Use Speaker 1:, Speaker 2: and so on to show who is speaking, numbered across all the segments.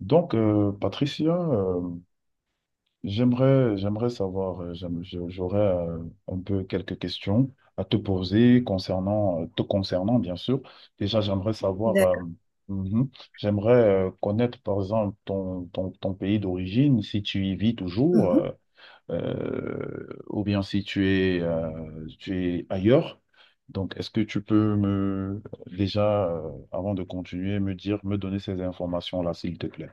Speaker 1: Patricia, j'aimerais savoir, j'aurais un peu quelques questions à te poser concernant, te concernant, bien sûr. Déjà, j'aimerais savoir,
Speaker 2: D'accord.
Speaker 1: mhm, j'aimerais connaître, par exemple, ton pays d'origine, si tu y vis toujours,
Speaker 2: Mhm.
Speaker 1: ou bien si tu es, tu es ailleurs. Donc, est-ce que tu peux me, déjà, avant de continuer, me dire, me donner ces informations-là, s'il te plaît?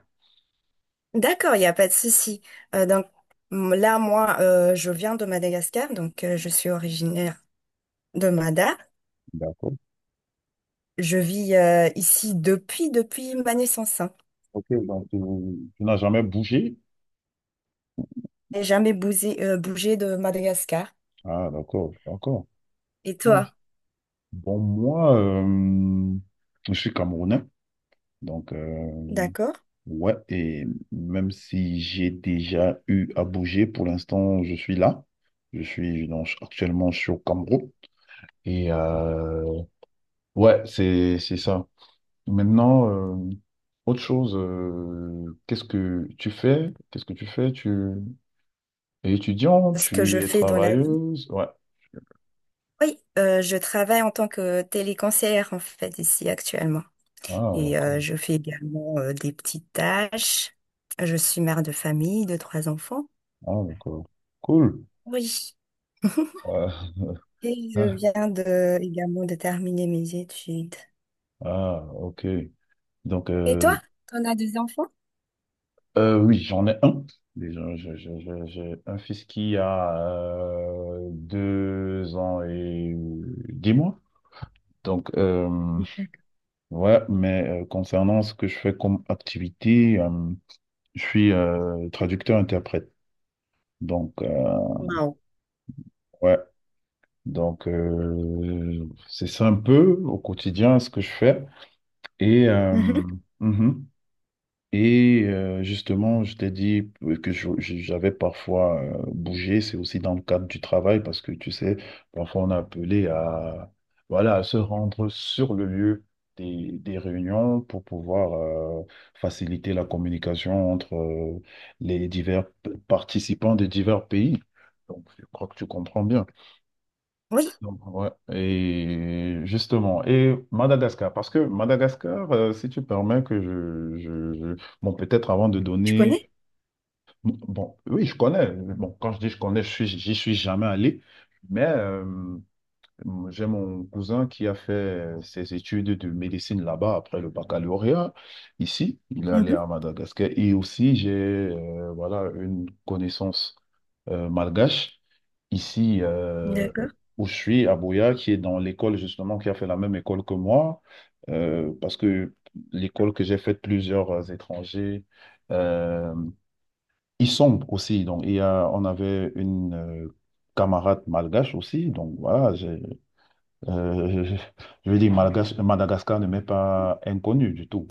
Speaker 2: D'accord, il n'y a pas de souci. Euh, donc Moi, je viens de Madagascar, donc je suis originaire de Mada.
Speaker 1: D'accord.
Speaker 2: Je vis ici depuis ma naissance, hein.
Speaker 1: Ok, donc tu n'as jamais bougé?
Speaker 2: J'ai jamais bougé, de Madagascar.
Speaker 1: Ah, d'accord, d'accord.
Speaker 2: Et
Speaker 1: Oh,
Speaker 2: toi,
Speaker 1: bon, moi, je suis Camerounais, donc
Speaker 2: d'accord?
Speaker 1: ouais, et même si j'ai déjà eu à bouger, pour l'instant, je suis là. Je suis donc actuellement je suis au Cameroun. Et ouais, c'est ça. Maintenant, euh, autre chose, qu'est-ce que tu fais? Qu'est-ce que tu fais? Tu es étudiant?
Speaker 2: Ce que
Speaker 1: Tu
Speaker 2: je
Speaker 1: es
Speaker 2: fais dans la vie?
Speaker 1: travailleuse? Ouais.
Speaker 2: Oui, je travaille en tant que téléconseillère en fait ici actuellement.
Speaker 1: Ah,
Speaker 2: Et
Speaker 1: d'accord.
Speaker 2: je fais également des petites tâches. Je suis mère de famille de 3 enfants.
Speaker 1: Ah, d'accord. Cool.
Speaker 2: Oui.
Speaker 1: Euh,
Speaker 2: Et je
Speaker 1: ah,
Speaker 2: viens de, également de terminer mes études.
Speaker 1: ah, ok. Donc,
Speaker 2: Et toi,
Speaker 1: euh,
Speaker 2: t'en as des enfants?
Speaker 1: oui, j'en ai un. Déjà, j'ai un fils qui a deux ans et dix mois. Donc, ouais, mais concernant ce que je fais comme activité, je suis traducteur-interprète. Donc,
Speaker 2: Wow.
Speaker 1: ouais, donc c'est ça un peu au quotidien ce que je fais. Et
Speaker 2: Mhm.
Speaker 1: mhm. Et justement, je t'ai dit que j'avais parfois bougé, c'est aussi dans le cadre du travail, parce que tu sais, parfois on est appelé à, voilà, à se rendre sur le lieu des réunions pour pouvoir faciliter la communication entre les divers participants des divers pays. Donc, je crois que tu comprends bien.
Speaker 2: Oui,
Speaker 1: Donc, ouais. Et justement, et Madagascar, parce que Madagascar, si tu permets que bon, peut-être avant de
Speaker 2: je connais.
Speaker 1: donner, bon, oui, je connais. Bon, quand je dis je connais, j'y suis jamais allé, mais j'ai mon cousin qui a fait ses études de médecine là-bas après le baccalauréat. Ici, il est allé
Speaker 2: Mhm.
Speaker 1: à Madagascar. Et aussi, j'ai, voilà, une connaissance malgache, ici
Speaker 2: D'accord.
Speaker 1: où je suis, à Boya, qui est dans l'école justement, qui a fait la même école que moi, parce que l'école que j'ai faite, plusieurs étrangers, euh, ils sont aussi. Donc, il y a, on avait une camarade malgache aussi. Donc, voilà, j'ai, euh, je je veux dire, malgache, Madagascar ne m'est pas inconnu du tout.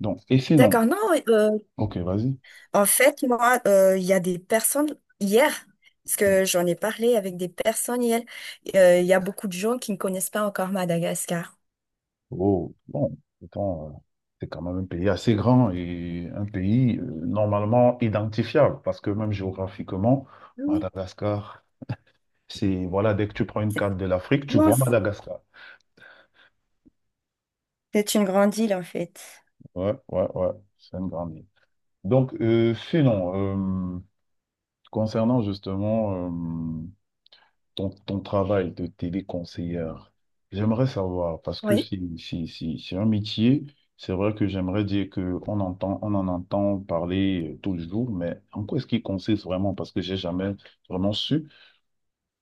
Speaker 1: Donc, et sinon,
Speaker 2: D'accord. Non, euh,
Speaker 1: ok, vas-y.
Speaker 2: en fait, moi, il y a des personnes hier, parce que j'en ai parlé avec des personnes hier, il y a beaucoup de gens qui ne connaissent pas encore Madagascar.
Speaker 1: Oh, bon, pourtant, c'est quand même un pays assez grand et un pays normalement identifiable parce que même géographiquement,
Speaker 2: Oui.
Speaker 1: Madagascar, c'est, voilà, dès que tu prends une
Speaker 2: C'est
Speaker 1: carte de l'Afrique, tu vois
Speaker 2: immense.
Speaker 1: Madagascar.
Speaker 2: C'est une grande île, en fait.
Speaker 1: Ouais, ouais, ouais, c'est une grande île. Donc, concernant justement euh, ton travail de téléconseillère, j'aimerais savoir, parce que
Speaker 2: Oui.
Speaker 1: c'est un métier, c'est vrai que j'aimerais dire qu'on entend, on en entend parler tout le jour, mais en quoi est-ce qu'il consiste vraiment? Parce que j'ai jamais vraiment su.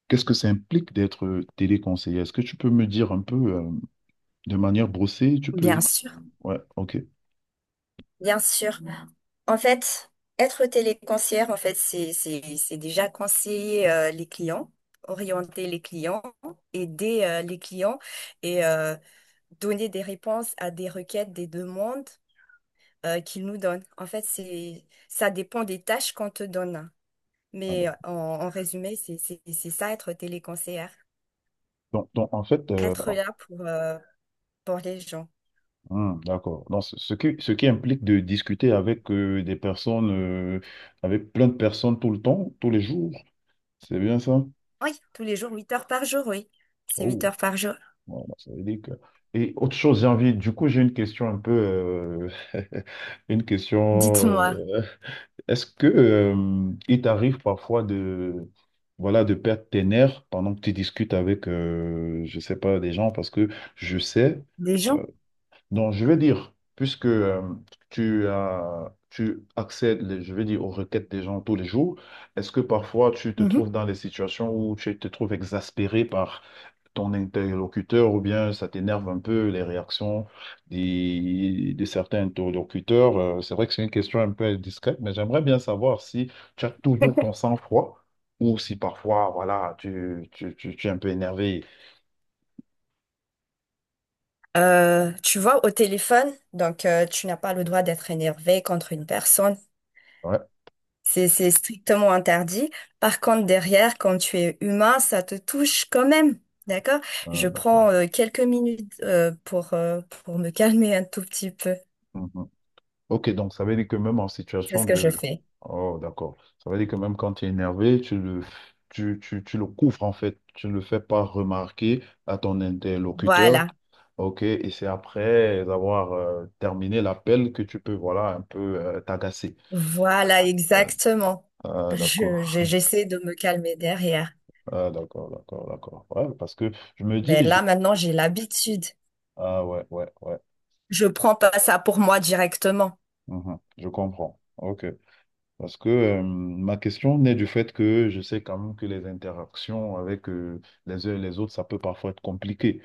Speaker 1: Qu'est-ce que ça implique d'être téléconseiller? Est-ce que tu peux me dire un peu de manière brossée, tu
Speaker 2: Bien
Speaker 1: peux...
Speaker 2: sûr,
Speaker 1: Ouais, ok.
Speaker 2: bien sûr. En fait, être téléconseillère, en fait, c'est déjà conseiller les clients, orienter les clients, aider les clients et donner des réponses à des requêtes, des demandes qu'ils nous donnent. En fait, c'est, ça dépend des tâches qu'on te donne.
Speaker 1: Ah,
Speaker 2: Mais
Speaker 1: d'accord.
Speaker 2: en résumé, c'est ça, être téléconseillère.
Speaker 1: Donc, en fait,
Speaker 2: Être là pour les gens.
Speaker 1: d'accord. Donc, ce qui implique de discuter avec des personnes avec plein de personnes tout le temps, tous les jours, c'est bien ça?
Speaker 2: Oui, tous les jours, 8 heures par jour, oui. C'est 8
Speaker 1: Oh,
Speaker 2: heures par jour.
Speaker 1: voilà, ça veut dire que... Et autre chose, j'ai envie, du coup, j'ai une question un peu, une question,
Speaker 2: Dites-moi,
Speaker 1: est-ce que il t'arrive parfois de, voilà, de perdre tes nerfs pendant que tu discutes avec, je sais pas, des gens, parce que je sais,
Speaker 2: des gens?
Speaker 1: euh, donc je veux dire, puisque tu as, tu accèdes, je veux dire, aux requêtes des gens tous les jours, est-ce que parfois tu te
Speaker 2: Mhm.
Speaker 1: trouves dans des situations où tu te trouves exaspéré par ton interlocuteur ou bien ça t'énerve un peu les réactions de certains interlocuteurs. C'est vrai que c'est une question un peu discrète, mais j'aimerais bien savoir si tu as toujours ton sang-froid ou si parfois, voilà, tu es un peu énervé.
Speaker 2: Tu vois, au téléphone, donc tu n'as pas le droit d'être énervé contre une personne.
Speaker 1: Ouais.
Speaker 2: C'est strictement interdit. Par contre, derrière, quand tu es humain, ça te touche quand même. D'accord?
Speaker 1: euh,
Speaker 2: Je prends quelques minutes pour me calmer un tout petit peu.
Speaker 1: mhm. Ok, donc ça veut dire que même en
Speaker 2: C'est
Speaker 1: situation
Speaker 2: ce que je
Speaker 1: de...
Speaker 2: fais.
Speaker 1: Oh, d'accord. Ça veut dire que même quand tu es énervé, tu le... tu le couvres en fait, tu ne le fais pas remarquer à ton interlocuteur.
Speaker 2: Voilà.
Speaker 1: Ok, et c'est après avoir terminé l'appel que tu peux, voilà, un peu t'agacer.
Speaker 2: Voilà,
Speaker 1: Euh,
Speaker 2: exactement.
Speaker 1: ah, d'accord.
Speaker 2: J'essaie de me calmer derrière.
Speaker 1: Ah, d'accord, d'accord, d'accord. Ouais, parce que je me
Speaker 2: Mais
Speaker 1: dis, je-
Speaker 2: là, maintenant, j'ai l'habitude.
Speaker 1: ah ouais, ouais, ouais.
Speaker 2: Je prends pas ça pour moi directement.
Speaker 1: Mhm, je comprends. Ok. Parce que ma question naît du fait que je sais quand même que les interactions avec les uns et les autres, ça peut parfois être compliqué.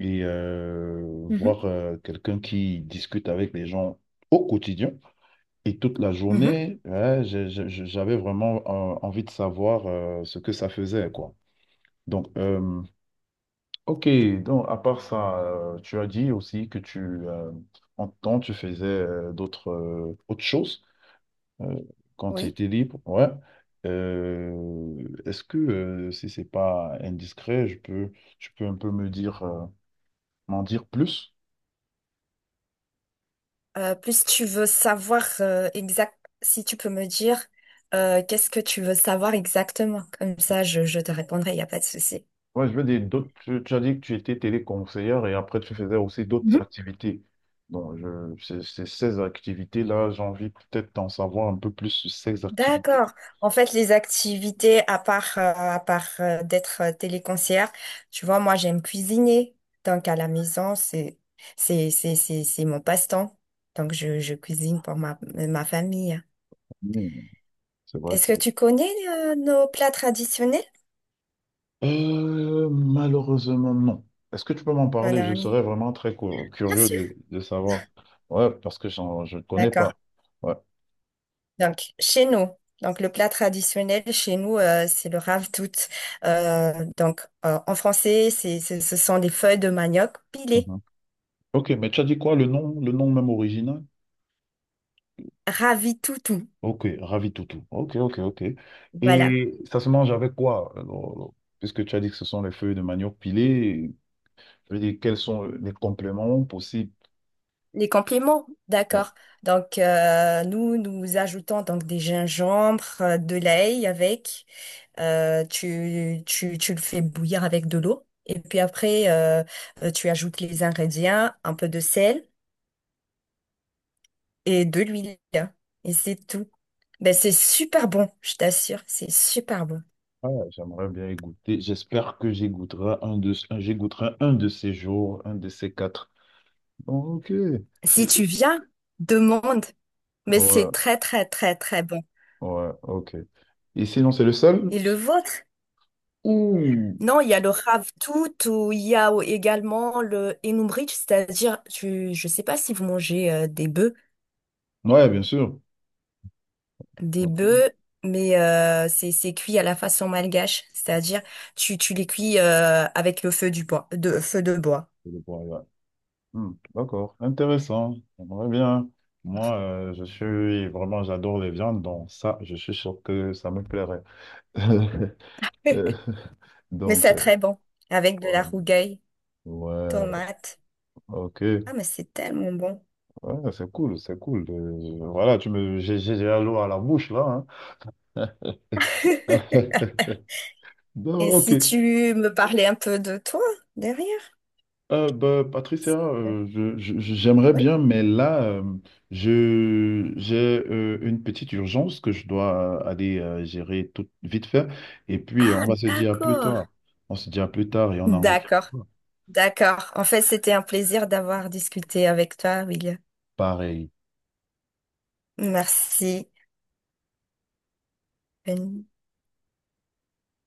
Speaker 1: Et
Speaker 2: Mhm.
Speaker 1: voir quelqu'un qui discute avec les gens au quotidien. Et toute la
Speaker 2: Mhm.
Speaker 1: journée, ouais, j'avais vraiment envie de savoir ce que ça faisait, quoi. Donc, ok, donc à part ça, tu as dit aussi que euh, en temps, tu faisais d'autres autres choses euh, quand tu
Speaker 2: Oui.
Speaker 1: étais libre, ouais. Euh, est-ce que, si c'est pas indiscret, je peux, tu peux un peu me dire, m'en dire plus?
Speaker 2: Plus tu veux savoir exact, si tu peux me dire qu'est-ce que tu veux savoir exactement. Comme ça, je te répondrai, il n'y a pas de souci.
Speaker 1: Moi, je veux dire, d'autres, tu as dit que tu étais téléconseillère et après, tu faisais aussi d'autres
Speaker 2: Mhm.
Speaker 1: activités. Donc, ces activités-là, j'ai envie peut-être d'en savoir un peu plus sur ces activités.
Speaker 2: D'accord. En fait, les activités, à part d'être téléconcière, tu vois, moi, j'aime cuisiner. Donc, à la maison, c'est mon passe-temps. Donc, je cuisine pour ma famille.
Speaker 1: C'est vrai
Speaker 2: Est-ce
Speaker 1: que
Speaker 2: que tu connais nos plats traditionnels?
Speaker 1: Malheureusement, non. Est-ce que tu peux m'en
Speaker 2: On
Speaker 1: parler?
Speaker 2: a
Speaker 1: Je
Speaker 2: un-
Speaker 1: serais vraiment très
Speaker 2: Bien
Speaker 1: curieux
Speaker 2: sûr.
Speaker 1: de savoir. Ouais, parce que je ne connais
Speaker 2: D'accord.
Speaker 1: pas. Ouais.
Speaker 2: Donc, chez nous, donc le plat traditionnel chez nous, c'est le ravitoot. En français, ce sont des feuilles de manioc pilées.
Speaker 1: Mhm. Ok, mais tu as dit quoi, le nom même original?
Speaker 2: Ravitoutou.
Speaker 1: Ok, Ravi Toutou. Ok, ok, ok.
Speaker 2: Voilà.
Speaker 1: Et ça se mange avec quoi? Alors, puisque tu as dit que ce sont les feuilles de manioc pilées, je veux dire, quels sont les compléments possibles?
Speaker 2: Les compléments, d'accord. Donc, nous ajoutons donc des gingembres, de l'ail avec. Tu le fais bouillir avec de l'eau. Et puis après, tu ajoutes les ingrédients, un peu de sel et de l'huile. Et c'est tout. Ben, c'est super bon, je t'assure, c'est super bon.
Speaker 1: Ah, j'aimerais bien y goûter. J'espère que j'y goûterai j'y goûterai un de ces jours, un de ces quatre. Ok.
Speaker 2: Si
Speaker 1: c'est
Speaker 2: tu viens, demande, mais c'est
Speaker 1: Ouais,
Speaker 2: très très très très bon.
Speaker 1: ouais, ok. Et sinon, c'est le seul?
Speaker 2: Et le vôtre?
Speaker 1: Ouh.
Speaker 2: Non, il y a le ravitoot ou il y a également le enoumbrich, c'est-à-dire, je sais pas si vous mangez des bœufs,
Speaker 1: Ouais, bien sûr.
Speaker 2: des
Speaker 1: C'est
Speaker 2: bœufs, mais c'est cuit à la façon malgache, c'est-à-dire tu les cuis avec le feu du bois, de feu de bois.
Speaker 1: le point, ouais. Hmm, d'accord, intéressant. J'aimerais bien. Moi, je suis vraiment, j'adore les viandes, donc ça, je suis sûr que ça me plairait. Euh,
Speaker 2: Mais
Speaker 1: Donc,
Speaker 2: c'est
Speaker 1: euh,
Speaker 2: très bon, avec de la
Speaker 1: ouais.
Speaker 2: rougaille,
Speaker 1: Ouais,
Speaker 2: tomate.
Speaker 1: ok.
Speaker 2: Ah, mais c'est tellement bon.
Speaker 1: Ouais, c'est cool, c'est cool. Voilà, tu me, j'ai déjà l'eau à la bouche là. Hein. Bon,
Speaker 2: Et
Speaker 1: ok.
Speaker 2: si tu me parlais un peu de toi derrière?
Speaker 1: Bah, Patricia, j'aimerais
Speaker 2: Oui.
Speaker 1: bien, mais là, j'ai une petite urgence que je dois aller gérer tout vite fait. Et puis, on
Speaker 2: Ah,
Speaker 1: va se dire à plus tard.
Speaker 2: d'accord.
Speaker 1: On se dit à plus tard et on en reparle.
Speaker 2: D'accord, d'accord. En fait, c'était un plaisir d'avoir discuté avec toi, Will.
Speaker 1: Pareil.
Speaker 2: Merci. Bonne-